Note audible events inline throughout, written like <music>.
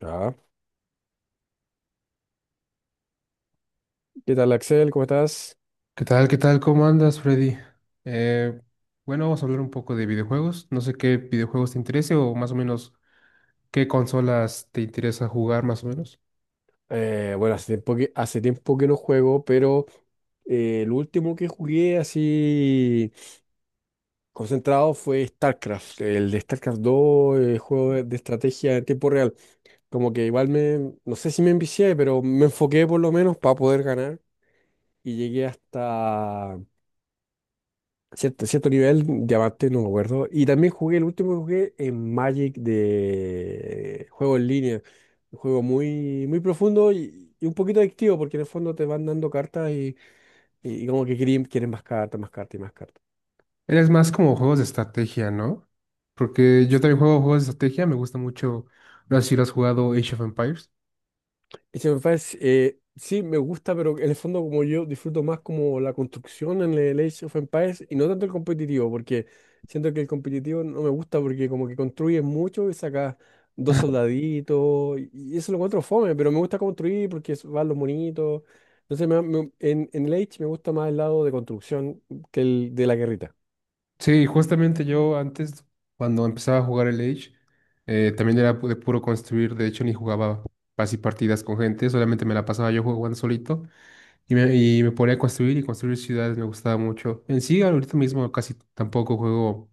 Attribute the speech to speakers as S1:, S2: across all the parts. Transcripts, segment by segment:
S1: Ah, ¿Qué tal, Axel? ¿Cómo estás?
S2: ¿Qué tal? ¿Qué tal? ¿Cómo andas, Freddy? Eh, bueno, vamos a hablar un poco de videojuegos. No sé qué videojuegos te interese o más o menos qué consolas te interesa jugar más o menos.
S1: Bueno, hace tiempo que no juego, pero el último que jugué así concentrado fue StarCraft, el de StarCraft dos, el juego de estrategia en tiempo real. Como que igual me, no sé si me envicié, pero me enfoqué por lo menos para poder ganar y llegué hasta cierto nivel, diamante, no me acuerdo. Y también jugué, el último que jugué en Magic de juego en línea. Un juego muy, muy profundo y un poquito adictivo, porque en el fondo te van dando cartas y como que quieren más cartas y más cartas.
S2: ¿Eres más como juegos de estrategia, no? Porque yo también juego juegos de estrategia, me gusta mucho, no sé si lo has jugado Age of Empires.
S1: Age of Empires, sí, me gusta, pero en el fondo como yo disfruto más como la construcción en el Age of Empires y no tanto el competitivo, porque siento que el competitivo no me gusta porque como que construyes mucho y sacas dos soldaditos y eso lo encuentro fome, pero me gusta construir porque van los monitos. Entonces en el Age me gusta más el lado de construcción que el de la guerrita.
S2: Sí, justamente yo antes, cuando empezaba a jugar el Age, también era de puro construir, de hecho ni jugaba así partidas con gente, solamente me la pasaba yo jugando solito. Y me ponía a construir y construir ciudades, me gustaba mucho. En sí, ahorita mismo casi tampoco juego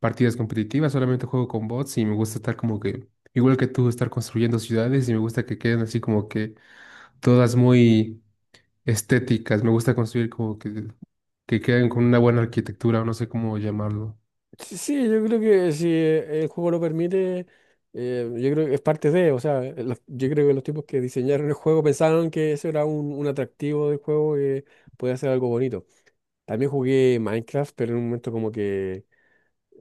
S2: partidas competitivas, solamente juego con bots y me gusta estar como que, igual que tú, estar construyendo ciudades y me gusta que queden así como que todas muy estéticas. Me gusta construir como que queden con una buena arquitectura, no sé cómo llamarlo.
S1: Sí, sí, yo creo que si el juego lo permite, yo creo que es parte de, o sea, yo creo que los tipos que diseñaron el juego pensaron que eso era un atractivo del juego que podía ser algo bonito. También jugué Minecraft, pero en un momento como que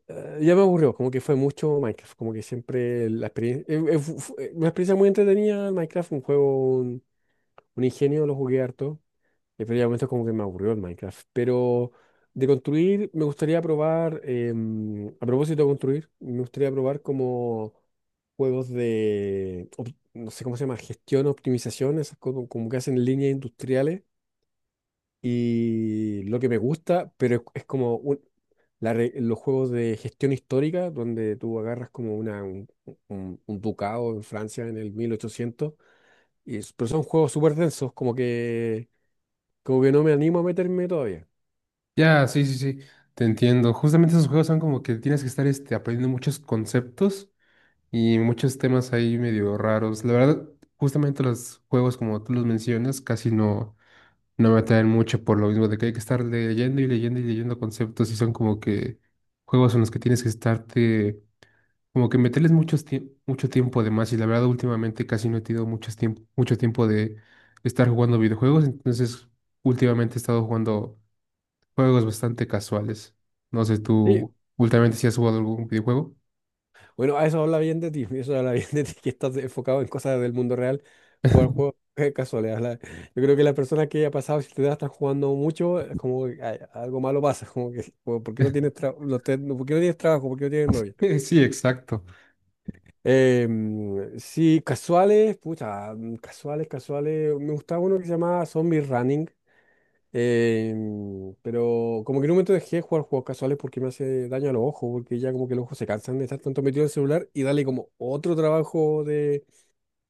S1: ya me aburrió, como que fue mucho Minecraft, como que siempre la experiencia, una experiencia muy entretenida, Minecraft, un juego, un ingenio, lo jugué harto. Pero ya momento como que me aburrió el Minecraft. Pero de construir, me gustaría probar, a propósito de construir, me gustaría probar como juegos de, no sé cómo se llama, gestión, optimización, esas como que hacen líneas industriales. Y lo que me gusta, pero es como los juegos de gestión histórica, donde tú agarras como un ducado en Francia en el 1800. Pero son juegos súper densos, como que no me animo a meterme todavía.
S2: Ya, sí, sí, sí, te entiendo. Justamente esos juegos son como que tienes que estar este, aprendiendo muchos conceptos y muchos temas ahí medio raros. La verdad, justamente los juegos como tú los mencionas casi no, no me atraen mucho por lo mismo de que hay que estar leyendo y leyendo y leyendo conceptos y son como que juegos en los que tienes que estarte, como que meterles muchos mucho tiempo de más, y la verdad últimamente casi no he tenido mucho tiempo de estar jugando videojuegos. Entonces últimamente he estado jugando juegos bastante casuales. No sé,
S1: Sí,
S2: tú últimamente si has jugado algún videojuego.
S1: bueno, a eso habla bien de ti, <laughs> eso habla bien de ti, que estás enfocado en cosas del mundo real, jugar juegos <laughs> casuales. Yo creo que las personas que ha pasado, si te das, están jugando mucho, es como que ay, algo malo pasa, <laughs> ¿por qué no tienes,
S2: <laughs>
S1: tra- no te- no- ¿por qué no tienes trabajo? ¿Por qué no tienes novia?
S2: Sí, exacto.
S1: Sí, casuales, pucha, casuales, casuales. Me gustaba uno que se llamaba Zombie Running. Pero como que en un momento dejé de jugar juegos casuales porque me hace daño a los ojos, porque ya como que los ojos se cansan de estar tanto metido en el celular y darle como otro trabajo de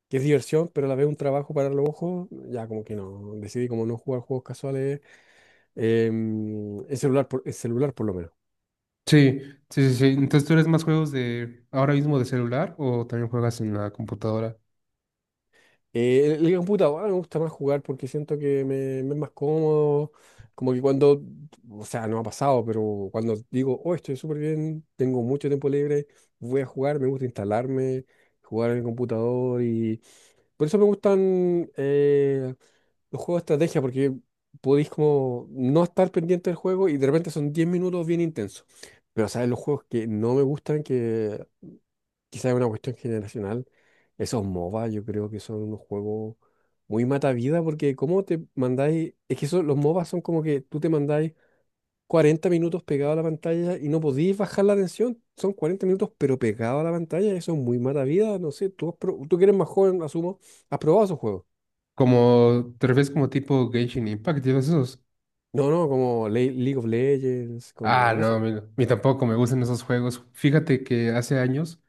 S1: que es diversión, pero a la vez un trabajo para los ojos, ya como que no, decidí como no jugar juegos casuales en celular por lo menos.
S2: Sí, sí, sí, sí. Entonces, ¿tú eres más juegos de ahora mismo de celular o también juegas en la computadora?
S1: El computador me gusta más jugar porque siento que me es más cómodo. Como que cuando, o sea, no ha pasado, pero cuando digo, oh, estoy súper bien, tengo mucho tiempo libre, voy a jugar, me gusta instalarme, jugar en el computador y por eso me gustan los juegos de estrategia porque podéis como no estar pendiente del juego y de repente son 10 minutos bien intensos. Pero, ¿sabes? Los juegos que no me gustan, que quizás es una cuestión generacional. Esos MOBA yo creo que son unos juegos muy mata vida porque cómo te mandáis, es que eso, los MOBA son como que tú te mandáis 40 minutos pegado a la pantalla y no podéis bajar la atención. Son 40 minutos pero pegado a la pantalla, eso es muy mata vida, no sé, tú, tú que eres más joven, asumo, has probado esos juegos.
S2: Como, ¿te refieres como tipo Genshin Impact y todos esos?
S1: No, no, como League of Legends,
S2: Ah,
S1: como
S2: no,
S1: eso.
S2: a mí tampoco me gustan esos juegos. Fíjate que hace años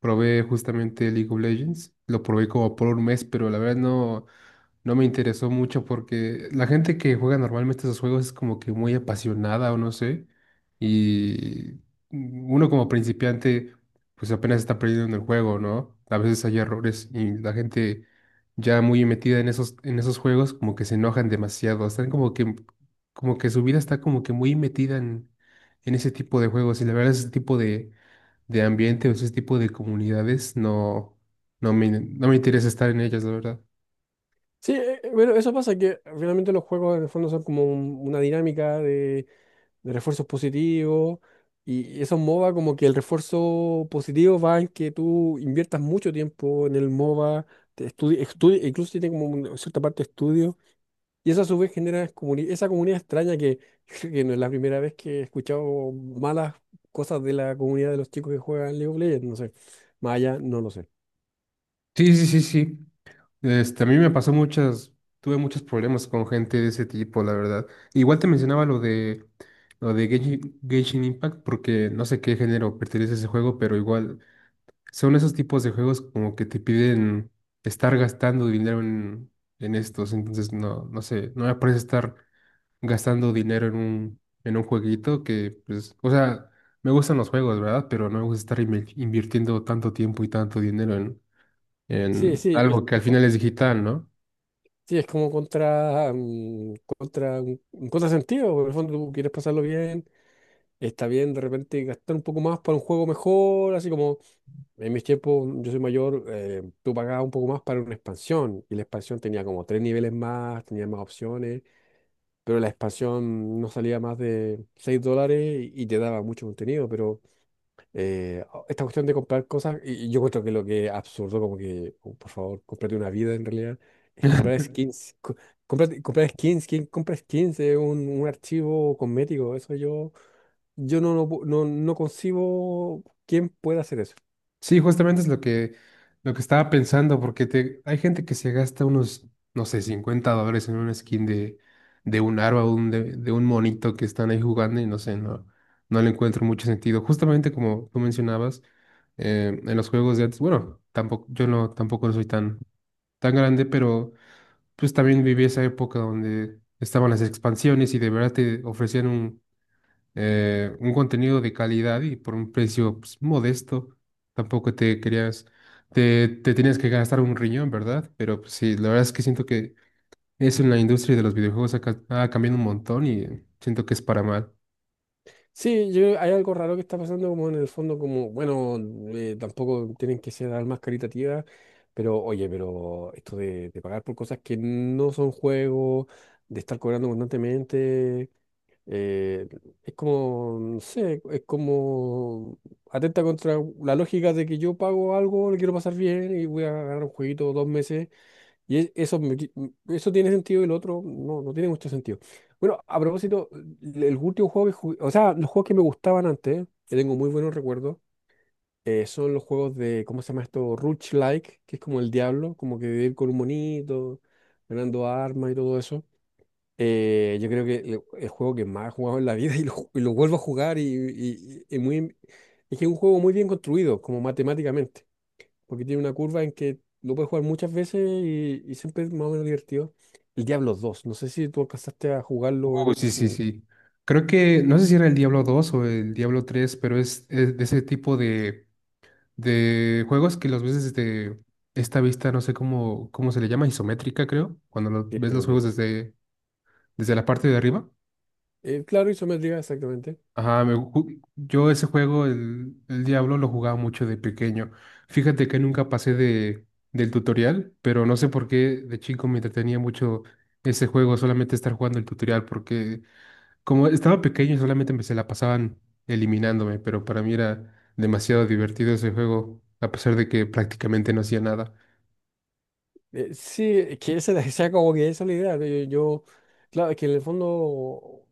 S2: probé justamente League of Legends, lo probé como por un mes, pero la verdad no, no me interesó mucho porque la gente que juega normalmente esos juegos es como que muy apasionada, o no sé, y uno como principiante pues apenas está aprendiendo en el juego, ¿no? A veces hay errores y la gente ya muy metida en esos juegos como que se enojan demasiado, están como que su vida está como que muy metida en ese tipo de juegos, y la verdad ese tipo de ambiente o ese tipo de comunidades, no, no me, no me interesa estar en ellas, la verdad.
S1: Sí, bueno, eso pasa que finalmente los juegos en el fondo son como una dinámica de refuerzos positivos. Y esos MOBA, como que el refuerzo positivo va en que tú inviertas mucho tiempo en el MOBA, incluso tiene como una cierta parte de estudio. Y eso a su vez genera esa comunidad extraña que, <laughs> yo creo que no es la primera vez que he escuchado malas cosas de la comunidad de los chicos que juegan League of Legends, no sé. Más allá, no lo sé.
S2: Sí, sí, sí, sí. Este, a mí me pasó muchas, tuve muchos problemas con gente de ese tipo, la verdad. Igual te mencionaba lo de Genshin, Genshin Impact, porque no sé qué género pertenece ese juego, pero igual son esos tipos de juegos como que te piden estar gastando dinero en estos. Entonces no, no sé, no me parece estar gastando dinero en un jueguito que, pues, o sea, me gustan los juegos, ¿verdad? Pero no me gusta estar invirtiendo tanto tiempo y tanto dinero
S1: Sí,
S2: en
S1: sí,
S2: algo que al final es digital, ¿no?
S1: sí, es como contra, contra un contrasentido. Porque en el fondo tú quieres pasarlo bien. Está bien de repente gastar un poco más para un juego mejor, así como en mis tiempos, yo soy mayor, tú pagabas un poco más para una expansión y la expansión tenía como tres niveles más, tenía más opciones, pero la expansión no salía más de $6 y te daba mucho contenido, pero esta cuestión de comprar cosas, y yo encuentro que lo que es absurdo, como que, oh, por favor, cómprate una vida en realidad, es comprar skins. Comprar skins, ¿quién compra skins? Es un archivo cosmético, eso yo, yo no, no, no concibo quién puede hacer eso.
S2: Sí, justamente es lo que estaba pensando, porque te, hay gente que se gasta unos, no sé, $50 en una skin de un arma, un, de un monito que están ahí jugando, y no sé, no, no le encuentro mucho sentido. Justamente como tú mencionabas en los juegos de antes, bueno, tampoco, yo no, tampoco soy tan, tan grande, pero pues también viví esa época donde estaban las expansiones y de verdad te ofrecían un contenido de calidad y por un precio pues, modesto. Tampoco te querías, te tenías que gastar un riñón, ¿verdad? Pero pues sí, la verdad es que siento que eso en la industria de los videojuegos ha, ha cambiado un montón y siento que es para mal.
S1: Sí, yo, hay algo raro que está pasando como en el fondo, como, bueno, tampoco tienen que ser almas caritativas, pero oye, pero esto de pagar por cosas que no son juegos, de estar cobrando constantemente, eh, es como, no sé, es como atenta contra la lógica de que yo pago algo, lo quiero pasar bien y voy a ganar un jueguito 2 meses. Y es- eso, me qui- m- Eso tiene sentido y el otro no, no tiene mucho sentido. Bueno, a propósito, el último juego que jugué, o sea, los juegos que me gustaban antes, que tengo muy buenos recuerdos, son los juegos de, ¿cómo se llama esto? Roguelike, que es como el Diablo, como que vivir con un monito, ganando armas y todo eso. Yo creo que el juego que más he jugado en la vida, <laughs> y y lo vuelvo a jugar es que es un juego muy bien construido, como matemáticamente, porque tiene una curva en que lo puedes jugar muchas veces y siempre es más o menos divertido. El Diablo dos, no sé si tú alcanzaste a jugarlo
S2: Oh,
S1: en...
S2: sí, sí,
S1: en-
S2: sí. Creo que, no sé si era el Diablo 2 o el Diablo 3, pero es de ese tipo de juegos que los ves desde esta vista, no sé cómo, cómo se le llama, isométrica, creo, cuando
S1: Sí,
S2: ves los juegos
S1: isometría.
S2: desde, desde la parte de arriba.
S1: Claro, isometría, exactamente.
S2: Ajá, me yo ese juego, el Diablo, lo jugaba mucho de pequeño. Fíjate que nunca pasé de, del tutorial, pero no sé por qué de chico me entretenía mucho ese juego, solamente estar jugando el tutorial, porque como estaba pequeño, solamente me se la pasaban eliminándome, pero para mí era demasiado divertido ese juego, a pesar de que prácticamente no hacía nada.
S1: Sí, es que esa <laughs> como que esa es la idea. Yo, claro, es que en el fondo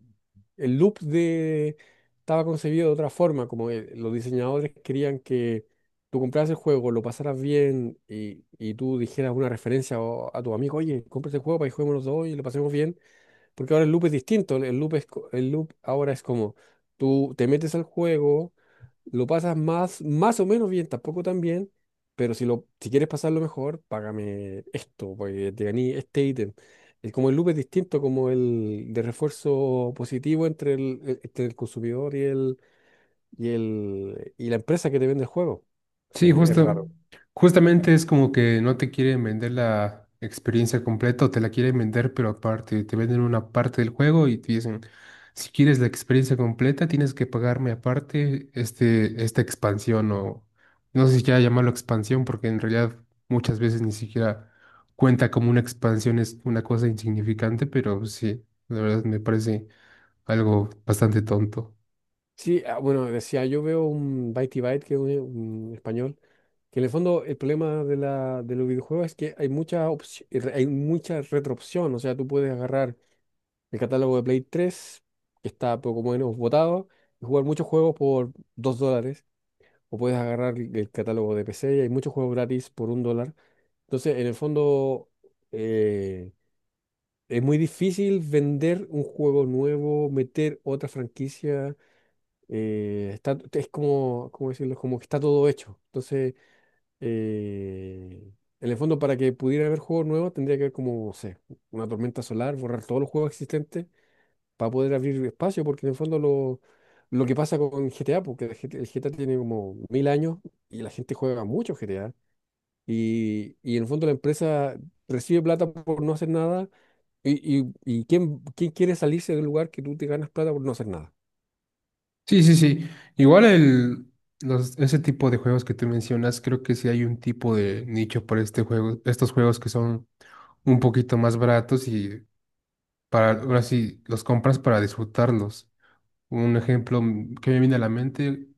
S1: el loop de estaba concebido de otra forma, como los diseñadores querían que tú compraras el juego, lo pasaras bien y tú dijeras una referencia a tu amigo, oye, compra este juego para que juguemos los dos y lo pasemos bien. Porque ahora el loop es distinto. El loop, el loop ahora es como tú te metes al juego, lo pasas más o menos bien, tampoco tan bien, pero si quieres pasarlo mejor, págame esto, porque te gané este ítem. Es como el loop es distinto, como el de refuerzo positivo entre entre el consumidor y la empresa que te vende el juego. O sea,
S2: Sí,
S1: es
S2: justo,
S1: raro.
S2: justamente es como que no te quieren vender la experiencia completa, o te la quieren vender, pero aparte, te venden una parte del juego y te dicen, si quieres la experiencia completa, tienes que pagarme aparte este, esta expansión, o no sé si quiera llamarlo expansión, porque en realidad muchas veces ni siquiera cuenta como una expansión, es una cosa insignificante, pero sí, la verdad me parece algo bastante tonto.
S1: Sí, ah, bueno, decía, yo veo un Bytey Byte, que es un español. Que en el fondo el problema de los videojuegos es que hay mucha hay mucha retroopción. O sea, tú puedes agarrar el catálogo de Play 3, que está poco menos votado, y jugar muchos juegos por $2. O puedes agarrar el catálogo de PC y hay muchos juegos gratis por $1. Entonces, en el fondo, eh, es muy difícil vender un juego nuevo, meter otra franquicia. Está, es como, ¿cómo decirlo? Como que está todo hecho. Entonces eh, en el fondo, para que pudiera haber juegos nuevos, tendría que haber como, no sé, una tormenta solar, borrar todos los juegos existentes para poder abrir espacio, porque en el fondo lo que pasa con GTA, porque el el GTA tiene como mil años y la gente juega mucho GTA, y en el fondo la empresa recibe plata por no hacer nada, y ¿quién, quién quiere salirse del lugar que tú te ganas plata por no hacer nada?
S2: Sí, sí, sí. Igual el, los, ese tipo de juegos que tú mencionas, creo que sí hay un tipo de nicho para este juego, estos juegos que son un poquito más baratos y para, ahora sí, los compras para disfrutarlos. Un ejemplo, mm, que me viene a la mente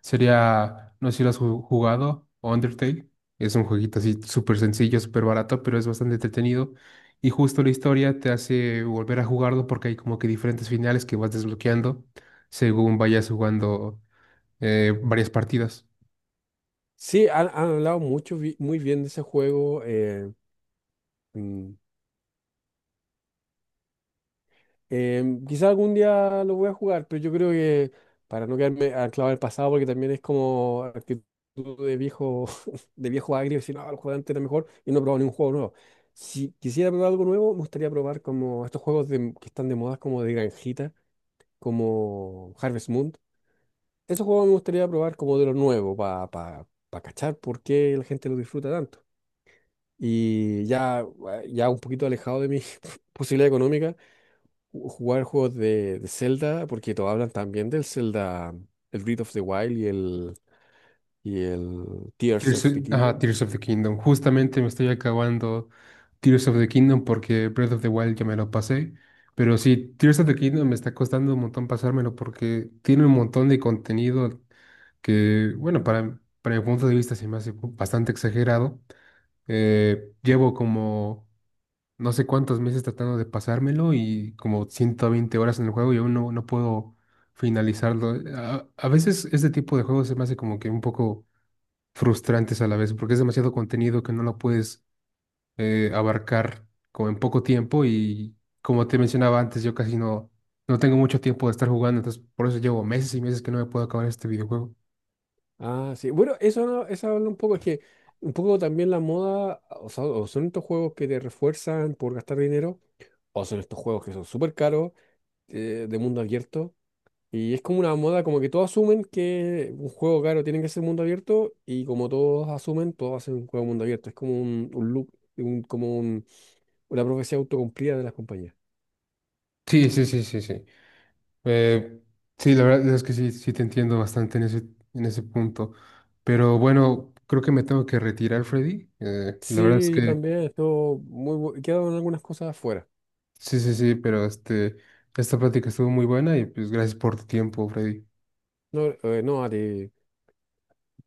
S2: sería, no sé si lo has jugado, Undertale. Es un jueguito así súper sencillo, súper barato, pero es bastante entretenido. Y justo la historia te hace volver a jugarlo porque hay como que diferentes finales que vas desbloqueando según vayas jugando varias partidas.
S1: Sí, han hablado mucho, muy bien de ese juego. Mm, Quizá algún día lo voy a jugar, pero yo creo que para no quedarme anclado en el pasado, porque también es como actitud de viejo, <laughs> de viejo agrio, decir, no, el juego de antes era mejor y no he probado ni un juego nuevo. Si quisiera probar algo nuevo, me gustaría probar como estos juegos que están de moda, como de granjita, como Harvest Moon. Esos juegos me gustaría probar como de lo nuevo, para pa, pa pa cachar por qué la gente lo disfruta tanto. Y ya, ya un poquito alejado de mi <laughs> posibilidad económica jugar juegos de Zelda, porque todos hablan también del Zelda, el Breath of the Wild y el Tears
S2: Tears
S1: of
S2: of,
S1: the
S2: ajá,
S1: Kingdom.
S2: Tears of the Kingdom. Justamente me estoy acabando Tears of the Kingdom porque Breath of the Wild ya me lo pasé. Pero sí, Tears of the Kingdom me está costando un montón pasármelo porque tiene un montón de contenido que, bueno, para mi punto de vista se me hace bastante exagerado. Llevo como no sé cuántos meses tratando de pasármelo y como 120 horas en el juego y aún no, no puedo finalizarlo. A veces este tipo de juegos se me hace como que un poco frustrantes a la vez, porque es demasiado contenido que no lo puedes abarcar como en poco tiempo, y como te mencionaba antes, yo casi no, no tengo mucho tiempo de estar jugando, entonces por eso llevo meses y meses que no me puedo acabar este videojuego.
S1: Ah, sí. Bueno, eso, eso habla un poco, es que un poco también la moda, o sea, o son estos juegos que te refuerzan por gastar dinero, o son estos juegos que son súper caros, de mundo abierto. Y es como una moda, como que todos asumen que un juego caro tiene que ser mundo abierto, y como todos asumen, todos hacen un juego mundo abierto. Es como un loop, un- como un- una profecía autocumplida de las compañías.
S2: Sí, sí, sí, sí, sí. Eh, sí, la verdad es que sí, sí te entiendo bastante en ese punto. Pero bueno, creo que me tengo que retirar, Freddy. La verdad es
S1: Sí, yo
S2: que
S1: también, estuvo muy. Quedaron algunas cosas afuera.
S2: sí, sí, sí, pero este, esta plática estuvo muy buena y pues gracias por tu tiempo, Freddy.
S1: No, no, a ti.